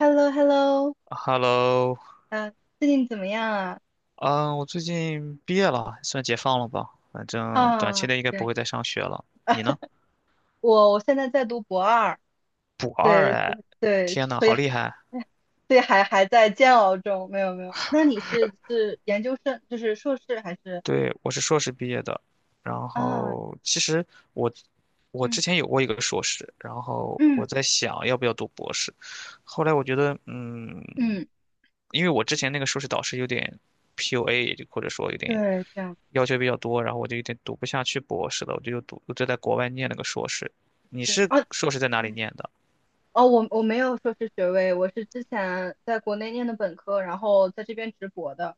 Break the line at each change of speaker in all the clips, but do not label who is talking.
h e l l o h e l l o
Hello，
啊，最近怎么样啊？
嗯，我最近毕业了，算解放了吧？反正短期
啊，
内应该不
对，
会再上学了。你呢？
我现在在读博二，
补二
对，
哎，天呐，
所以
好厉害！
所以还在煎熬中，没有没有。那你是研究生，就是硕士还是
对，我是硕士毕业的，然
啊？
后其实我我之
嗯
前有过一个硕士，然后我
嗯
在想要不要读博士，后来我觉得，
嗯，
因为我之前那个硕士导师有点 PUA，或者说有点
对，这样
要求比较多，然后我就有点读不下去博士了，我就在国外念了个硕士。你
对
是
啊，
硕士在哪里
嗯
念的？
哦，我没有硕士学位，我是之前在国内念的本科，然后在这边直博的。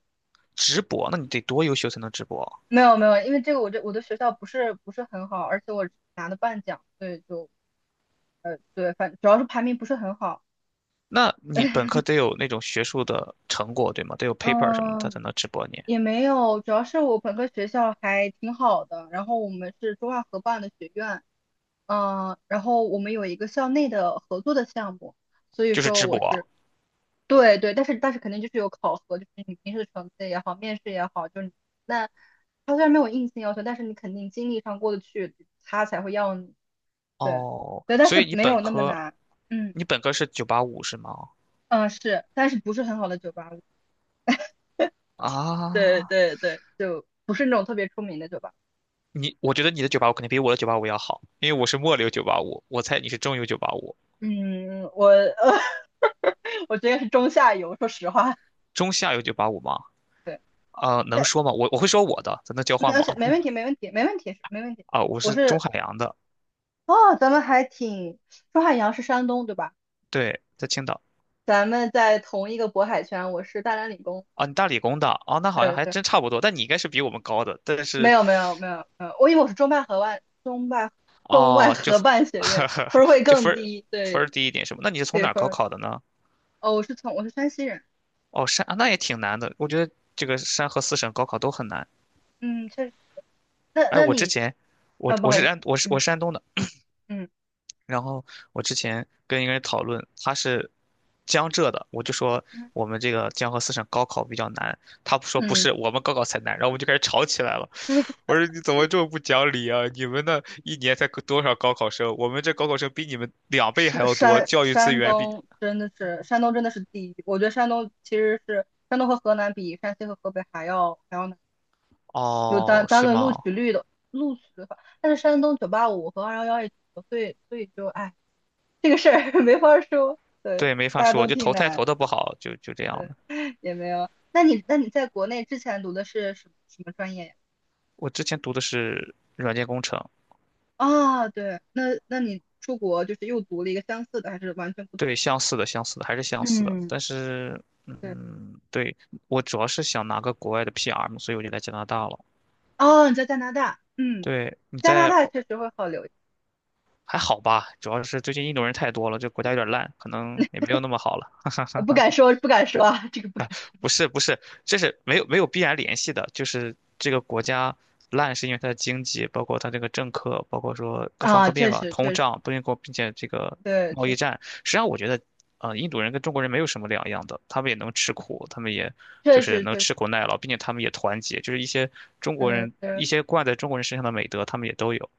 直博，那你得多优秀才能直博啊。
没有没有，因为我的学校不是很好，而且我拿的半奖，所以就对，主要是排名不是很好，
那你本科得有那种学术的成果，对吗？得有 paper 什么的，他
嗯，
才能直博你，
也没有，主要是我本科学校还挺好的，然后我们是中外合办的学院，嗯，然后我们有一个校内的合作的项目，所以
就是
说
直博
我
啊。
是对对，但是肯定就是有考核，就是你平时的成绩也好，面试也好，就是你那他虽然没有硬性要求，但是你肯定经历上过得去，他才会要你，对
哦，
对，但
所以
是
你
没
本
有那么
科，
难，嗯
你本科是九八五是吗？
嗯是，但是不是很好的九八五，对
啊，
对对，就不是那种特别出名的酒吧。
我觉得你的九八五肯定比我的九八五要好，因为我是末流九八五，我猜你是中游九八五。
嗯，我觉得是中下游，说实话。
中下游九八五吗？
对，
啊，能
那
说吗？我会说我的，咱能交换
那
吗？
是没问题，没问题，没问题，没问题。
啊，我
我
是中
是
海洋的，
哦，咱们还挺，周汉阳是山东，对吧？
对，在青岛。
咱们在同一个渤海圈，我是大连理工。
啊，你大理工的，哦，那好像
对
还
对，
真差不多，但你应该是比我们高的，但
没
是，
有没有没有，嗯，我以为我是中外
哦，
合办学院，分 儿会
就
更
分儿
低。
分儿
对
低一点是吗？那你是从
对，
哪儿
分
高
儿
考的呢？
哦，我是山西人。
哦，那也挺难的，我觉得这个山河四省高考都很难。
嗯，确实。那
哎，
那
我之
你
前，我
啊，不
我
好意
是
思，
安我是我
嗯
是山东的，
嗯。
然后我之前跟一个人讨论，他是江浙的，我就说我们这个江河四省高考比较难，他不说不
嗯，
是，我们高考才难，然后我们就开始吵起来了。
就是
我说你怎么这么不讲理啊？你们那一年才多少高考生？我们这高考生比你们两倍还要多，教育资源比……
山东真的是第一。我觉得山东其实是山东和河南比山西和河北还要难，就
哦，
单单
是
论
吗？
录取的话，但是山东九八五和二幺幺也挺多，所以就哎这个事儿 没法儿说，对，
对，没法
大家
说，
都
就
挺
投胎
难，
投的不好，就这样的。
也没有。那你在国内之前读的是什么什么专业呀？
我之前读的是软件工程，
啊，对，那你出国就是又读了一个相似的，还是完全不同？
对，相似的，相似的，还是相似的。
嗯，
但是，
对。
对，我主要是想拿个国外的 PR 嘛，所以我就来加拿大了。
哦，你在加拿大，嗯，
对，
加拿大确实会好留，
还好吧？主要是最近印度人太多了，这国家有点烂，可能也没有那么好了。
不敢说，不敢说啊，这个不敢
不是不是，这是没有没有必然联系的，就是这个国家烂是因为它的经济，包括它这个政客，包括说各方
啊，
各面
确
吧，
实，
通
确实，
胀，不并且并且这个
对，
贸
确
易
实，
战。实际上，我觉得，印度人跟中国人没有什么两样的，他们也能吃苦，他们也就
确
是
实，
能
确实，
吃苦耐劳，并且他们也团结，就是一些中国
嗯，
人
对，
一些惯在中国人身上的美德，他们也都有。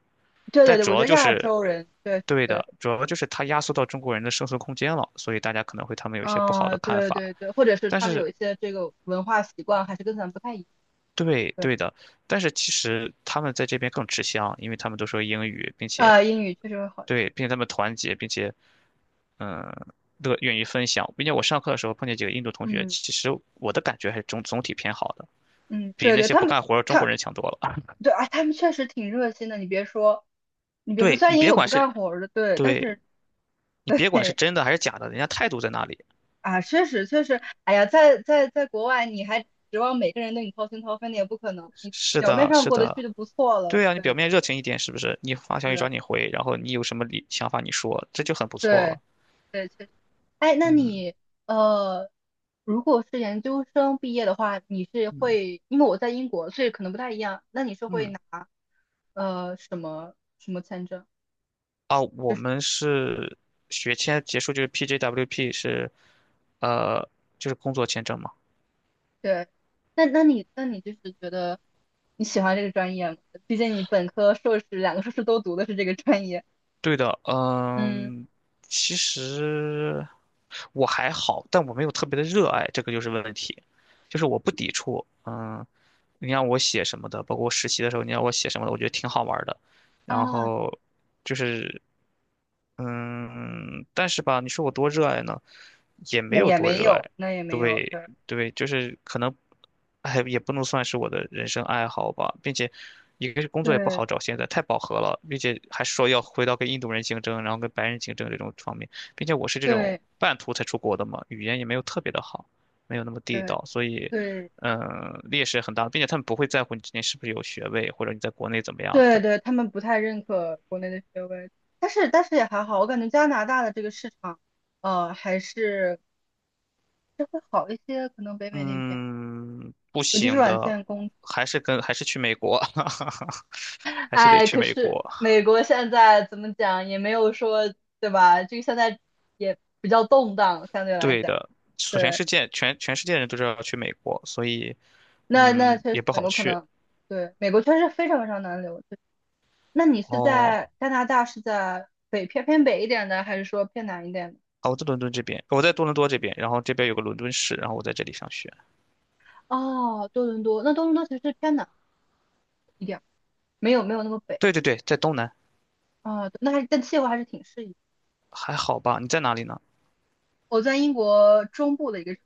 对对
但
对，
主
我觉
要
得
就
亚
是，
洲人，对
对
对，
的，主要就是它压缩到中国人的生存空间了，所以大家可能会他们有一些不好
嗯，
的看
对
法。
对对，或者是
但
他们
是
有一些这个文化习惯还是跟咱们不太一样，
对
对，
对的，但是其实他们在这边更吃香，因为他们都说英语，并且
啊，英语确实会好一些，
对，并且他们团结，并且嗯，愿意分享，并且我上课的时候碰见几个印度同学，
嗯
其实我的感觉还是总体偏好的，
嗯，
比
对
那
对，
些
他
不
们
干活儿的中国
他
人强多了。
对啊，他们确实挺热心的，你别说，你别说，
对
虽
你
然也
别
有
管
不
是，
干活儿的，对，但
对
是
你别管是
对
真的还是假的，人家态度在那里。
啊，确实确实，哎呀，在国外，你还指望每个人对你掏心掏肺，那也不可能。你
是
表面
的，
上
是
过得去
的，
就不错了。
对啊，你表
对
面热情一点，是不是？你发消息找
对
你回，然后你有什么理想法你说，这就很不错
对
了。
对，确实。哎，那
嗯
你呃，如果是研究生毕业的话，你是
嗯
会，因为我在英国，所以可能不太一样。那你是会
嗯。
拿什么什么签证？
啊，
就
我
是
们是学签结束就是 PJWP 是，呃，就是工作签证嘛。
对，那你就是觉得你喜欢这个专业吗？毕竟你本科、硕士两个硕士都读的是这个专业。
对的，
嗯。
其实我还好，但我没有特别的热爱，这个就是问题。就是我不抵触，你让我写什么的，包括我实习的时候，你让我写什么的，我觉得挺好玩儿的。然
啊，
后就是。但是吧，你说我多热爱呢，也没
那
有
也
多
没
热
有，
爱。
那也没有，
对，
对
对，就是可能，哎，也不能算是我的人生爱好吧，并且，一个是工作也不
对
好找，现在太饱和了，并且还说要回到跟印度人竞争，然后跟白人竞争这种方面，并且我是这种
对
半途才出国的嘛，语言也没有特别的好，没有那么地
对
道，所以，
对
劣势很大，并且他们不会在乎你之前是不是有学位，或者你在国内怎么样，
对
的。
对，他们不太认可国内的学位，但是也还好，我感觉加拿大的这个市场，还是这会好一些，可能北美那边，
嗯，不
尤其是
行
软
的，
件工，
还是去美国，还是得
哎，
去
可
美
是
国。
美国现在怎么讲也没有说，对吧？这个现在也比较动荡，相对来
对
讲，
的，所全
对，
世界全全世界人都知道要去美国，所以
那确
也
实
不
美
好
国可
去。
能，对，美国确实非常非常难留，那你是
哦，
在加拿大，是在北偏北一点的，还是说偏南一点的？
啊，我在多伦多这边，然后这边有个伦敦市，然后我在这里上学。
哦，多伦多，那多伦多其实是偏南一点，没有没有那么北
对对对，在东南，
啊、但气候还是挺适宜。
还好吧？你在哪里呢？
我在英国中部的一个，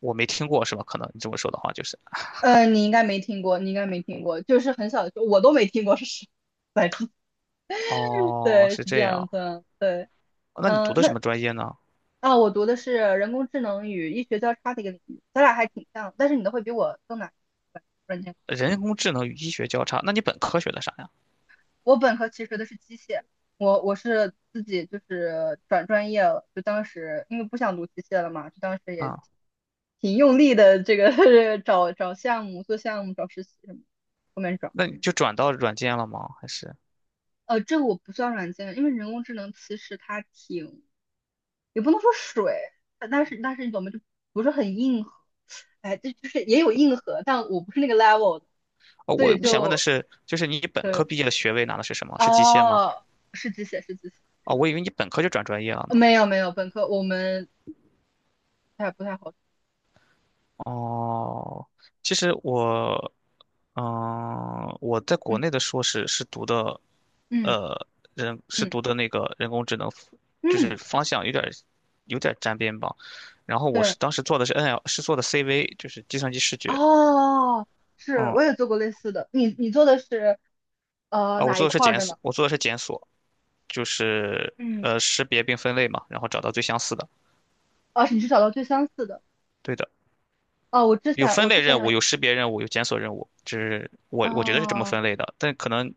我没听过是吧？可能你这么说的话就是，
你应该没听过，你应该没听过，就是很小的时候我都没听过是什么来着
哦，
对，
是
是这
这
样
样。
子，对，
哦那你读
嗯、
的什
那
么专业呢？
啊、我读的是人工智能与医学交叉的一个领域，咱俩还挺像，但是你的会比我更难，软件。
人工智能与医学交叉，那你本科学的啥呀？
我本科其实学的是机械，我是自己就是转专业了，就当时因为不想读机械了嘛，就当时也
啊。
挺用力的，这个 找项目、做项目、找实习什么的，后面找。
那你就转到软件了吗？还是？
这个我不算软件，因为人工智能其实它挺，也不能说水，但是但是你懂吗？就不是很硬核，哎，这就是也有硬核，但我不是那个 level 的，
哦，
所
我
以
我想问的
就
是，就是你本科
对，
毕业的学位拿的是什么？是机械吗？
哦，是机械，是机械。是
哦，
的。
我以为你本科就转专业了呢。
没有没有，本科我们太不太好。
哦，其实我，我在国
嗯
内的硕士是读的，
嗯
呃，是
嗯
读的那个人工智能，就
嗯，
是方向有点沾边吧。然后我
对，
是当时做的是 NL，是做的 CV，就是计算机视觉。
哦，是，
嗯，
我也做过类似的。你做的是
啊，我
哪
做
一
的是
块儿
检
的呢？
索，我做的是检索，就是
嗯，
识别并分类嘛，然后找到最相似的。
啊，你是找到最相似的。
对的，
哦，
有分
我之
类
前
任务，
有，
有识别任务，有检索任务，这是我觉得是这么
哦，
分类的，但可能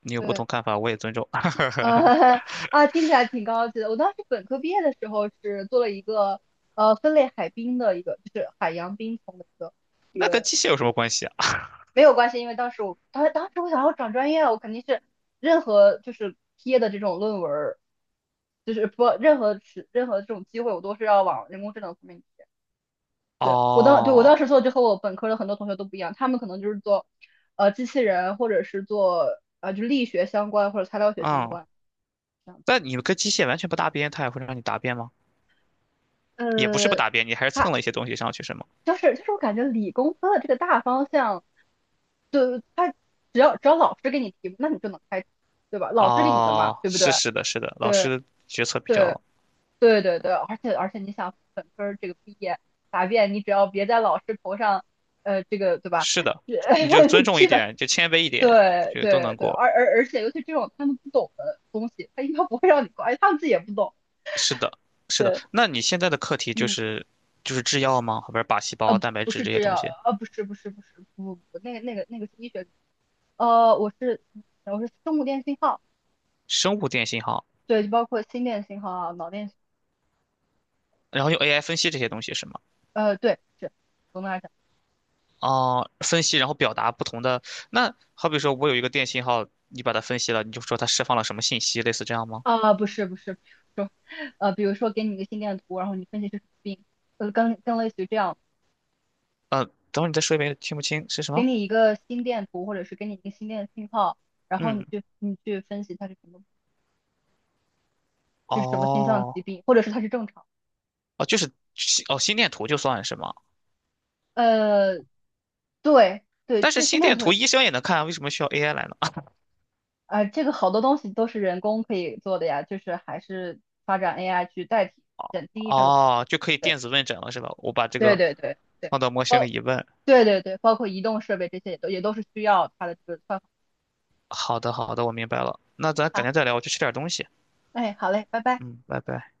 你有不
对，
同看法，我也尊重。
呃 啊，听起来挺高级的。我当时本科毕业的时候是做了一个分类海冰的一个，就是海洋冰层的一
那跟
个。
机械有什么关系啊？
没有关系，因为当时我想要转专业，我肯定是任何就是贴的这种论文儿，就是不任何是任何这种机会，我都是要往人工智能方面去 对，对我
哦，
当时做就和我本科的很多同学都不一样，他们可能就是做机器人或者是做力学相关或者材料学相
嗯，
关这样子。
但你们跟机械完全不搭边，它也会让你答辩吗？也不是不
呃，
答辩，你还是蹭
它
了一些东西上去是吗？
就是我感觉理工科的这个大方向，对，它只要老师给你提，那你就能开，对吧？老师给你的嘛，
哦，
对不
是
对？
是的，是的，老
对
师决策比
对
较
对对对，而且你想本科儿这个毕业答辩，你只要别在老师头上，这个对吧？
是 的，你就尊重一
基本
点，就谦卑一点，
对
就都
对
能
对，
过。
而且尤其这种他们不懂的东西，他应该不会让你过，而且他们自己也不懂。
是的，是的，
对，
那你现在的课题就
嗯，
是就是制药吗？后边靶细胞、蛋白
不
质
是
这些
制
东
药，
西。
不是不是不是不不，不，那个是医学，呃，我是我是生物电信号，
生物电信号，
对，就包括心电信号啊，脑电，
然后用 AI 分析这些东西是吗？
对，是。总的来讲。
哦，分析然后表达不同的。那好比说我有一个电信号，你把它分析了，你就说它释放了什么信息，类似这样吗？
啊，不是不是，比如说，给你一个心电图，然后你分析是什么病，更类似于这样，
呃，等会儿你再说一遍，听不清是什
给
么？
你一个心电图，或者是给你一个心电信号，然后
嗯，
你去分析它是什么，就是什么心脏
哦，
疾病，或者是它是正常。
哦，就是心电图就算是吗？
呃，对对，
但是
这心
心
电
电
图，
图医生也能看啊为什么需要 AI 来呢？
这个好多东西都是人工可以做的呀，就是还是发展 AI 去代替减轻医生的负
哦，就可以
担
电子问诊了是吧？我把这
对
个
对对对对，
放到模型
包，
里一问，
对对对，包括移动设备这些也都是需要它的这个算
好的好的，我明白了。那咱改
法。
天再聊，我去吃点东西。
哎，好嘞，拜拜。
嗯，拜拜。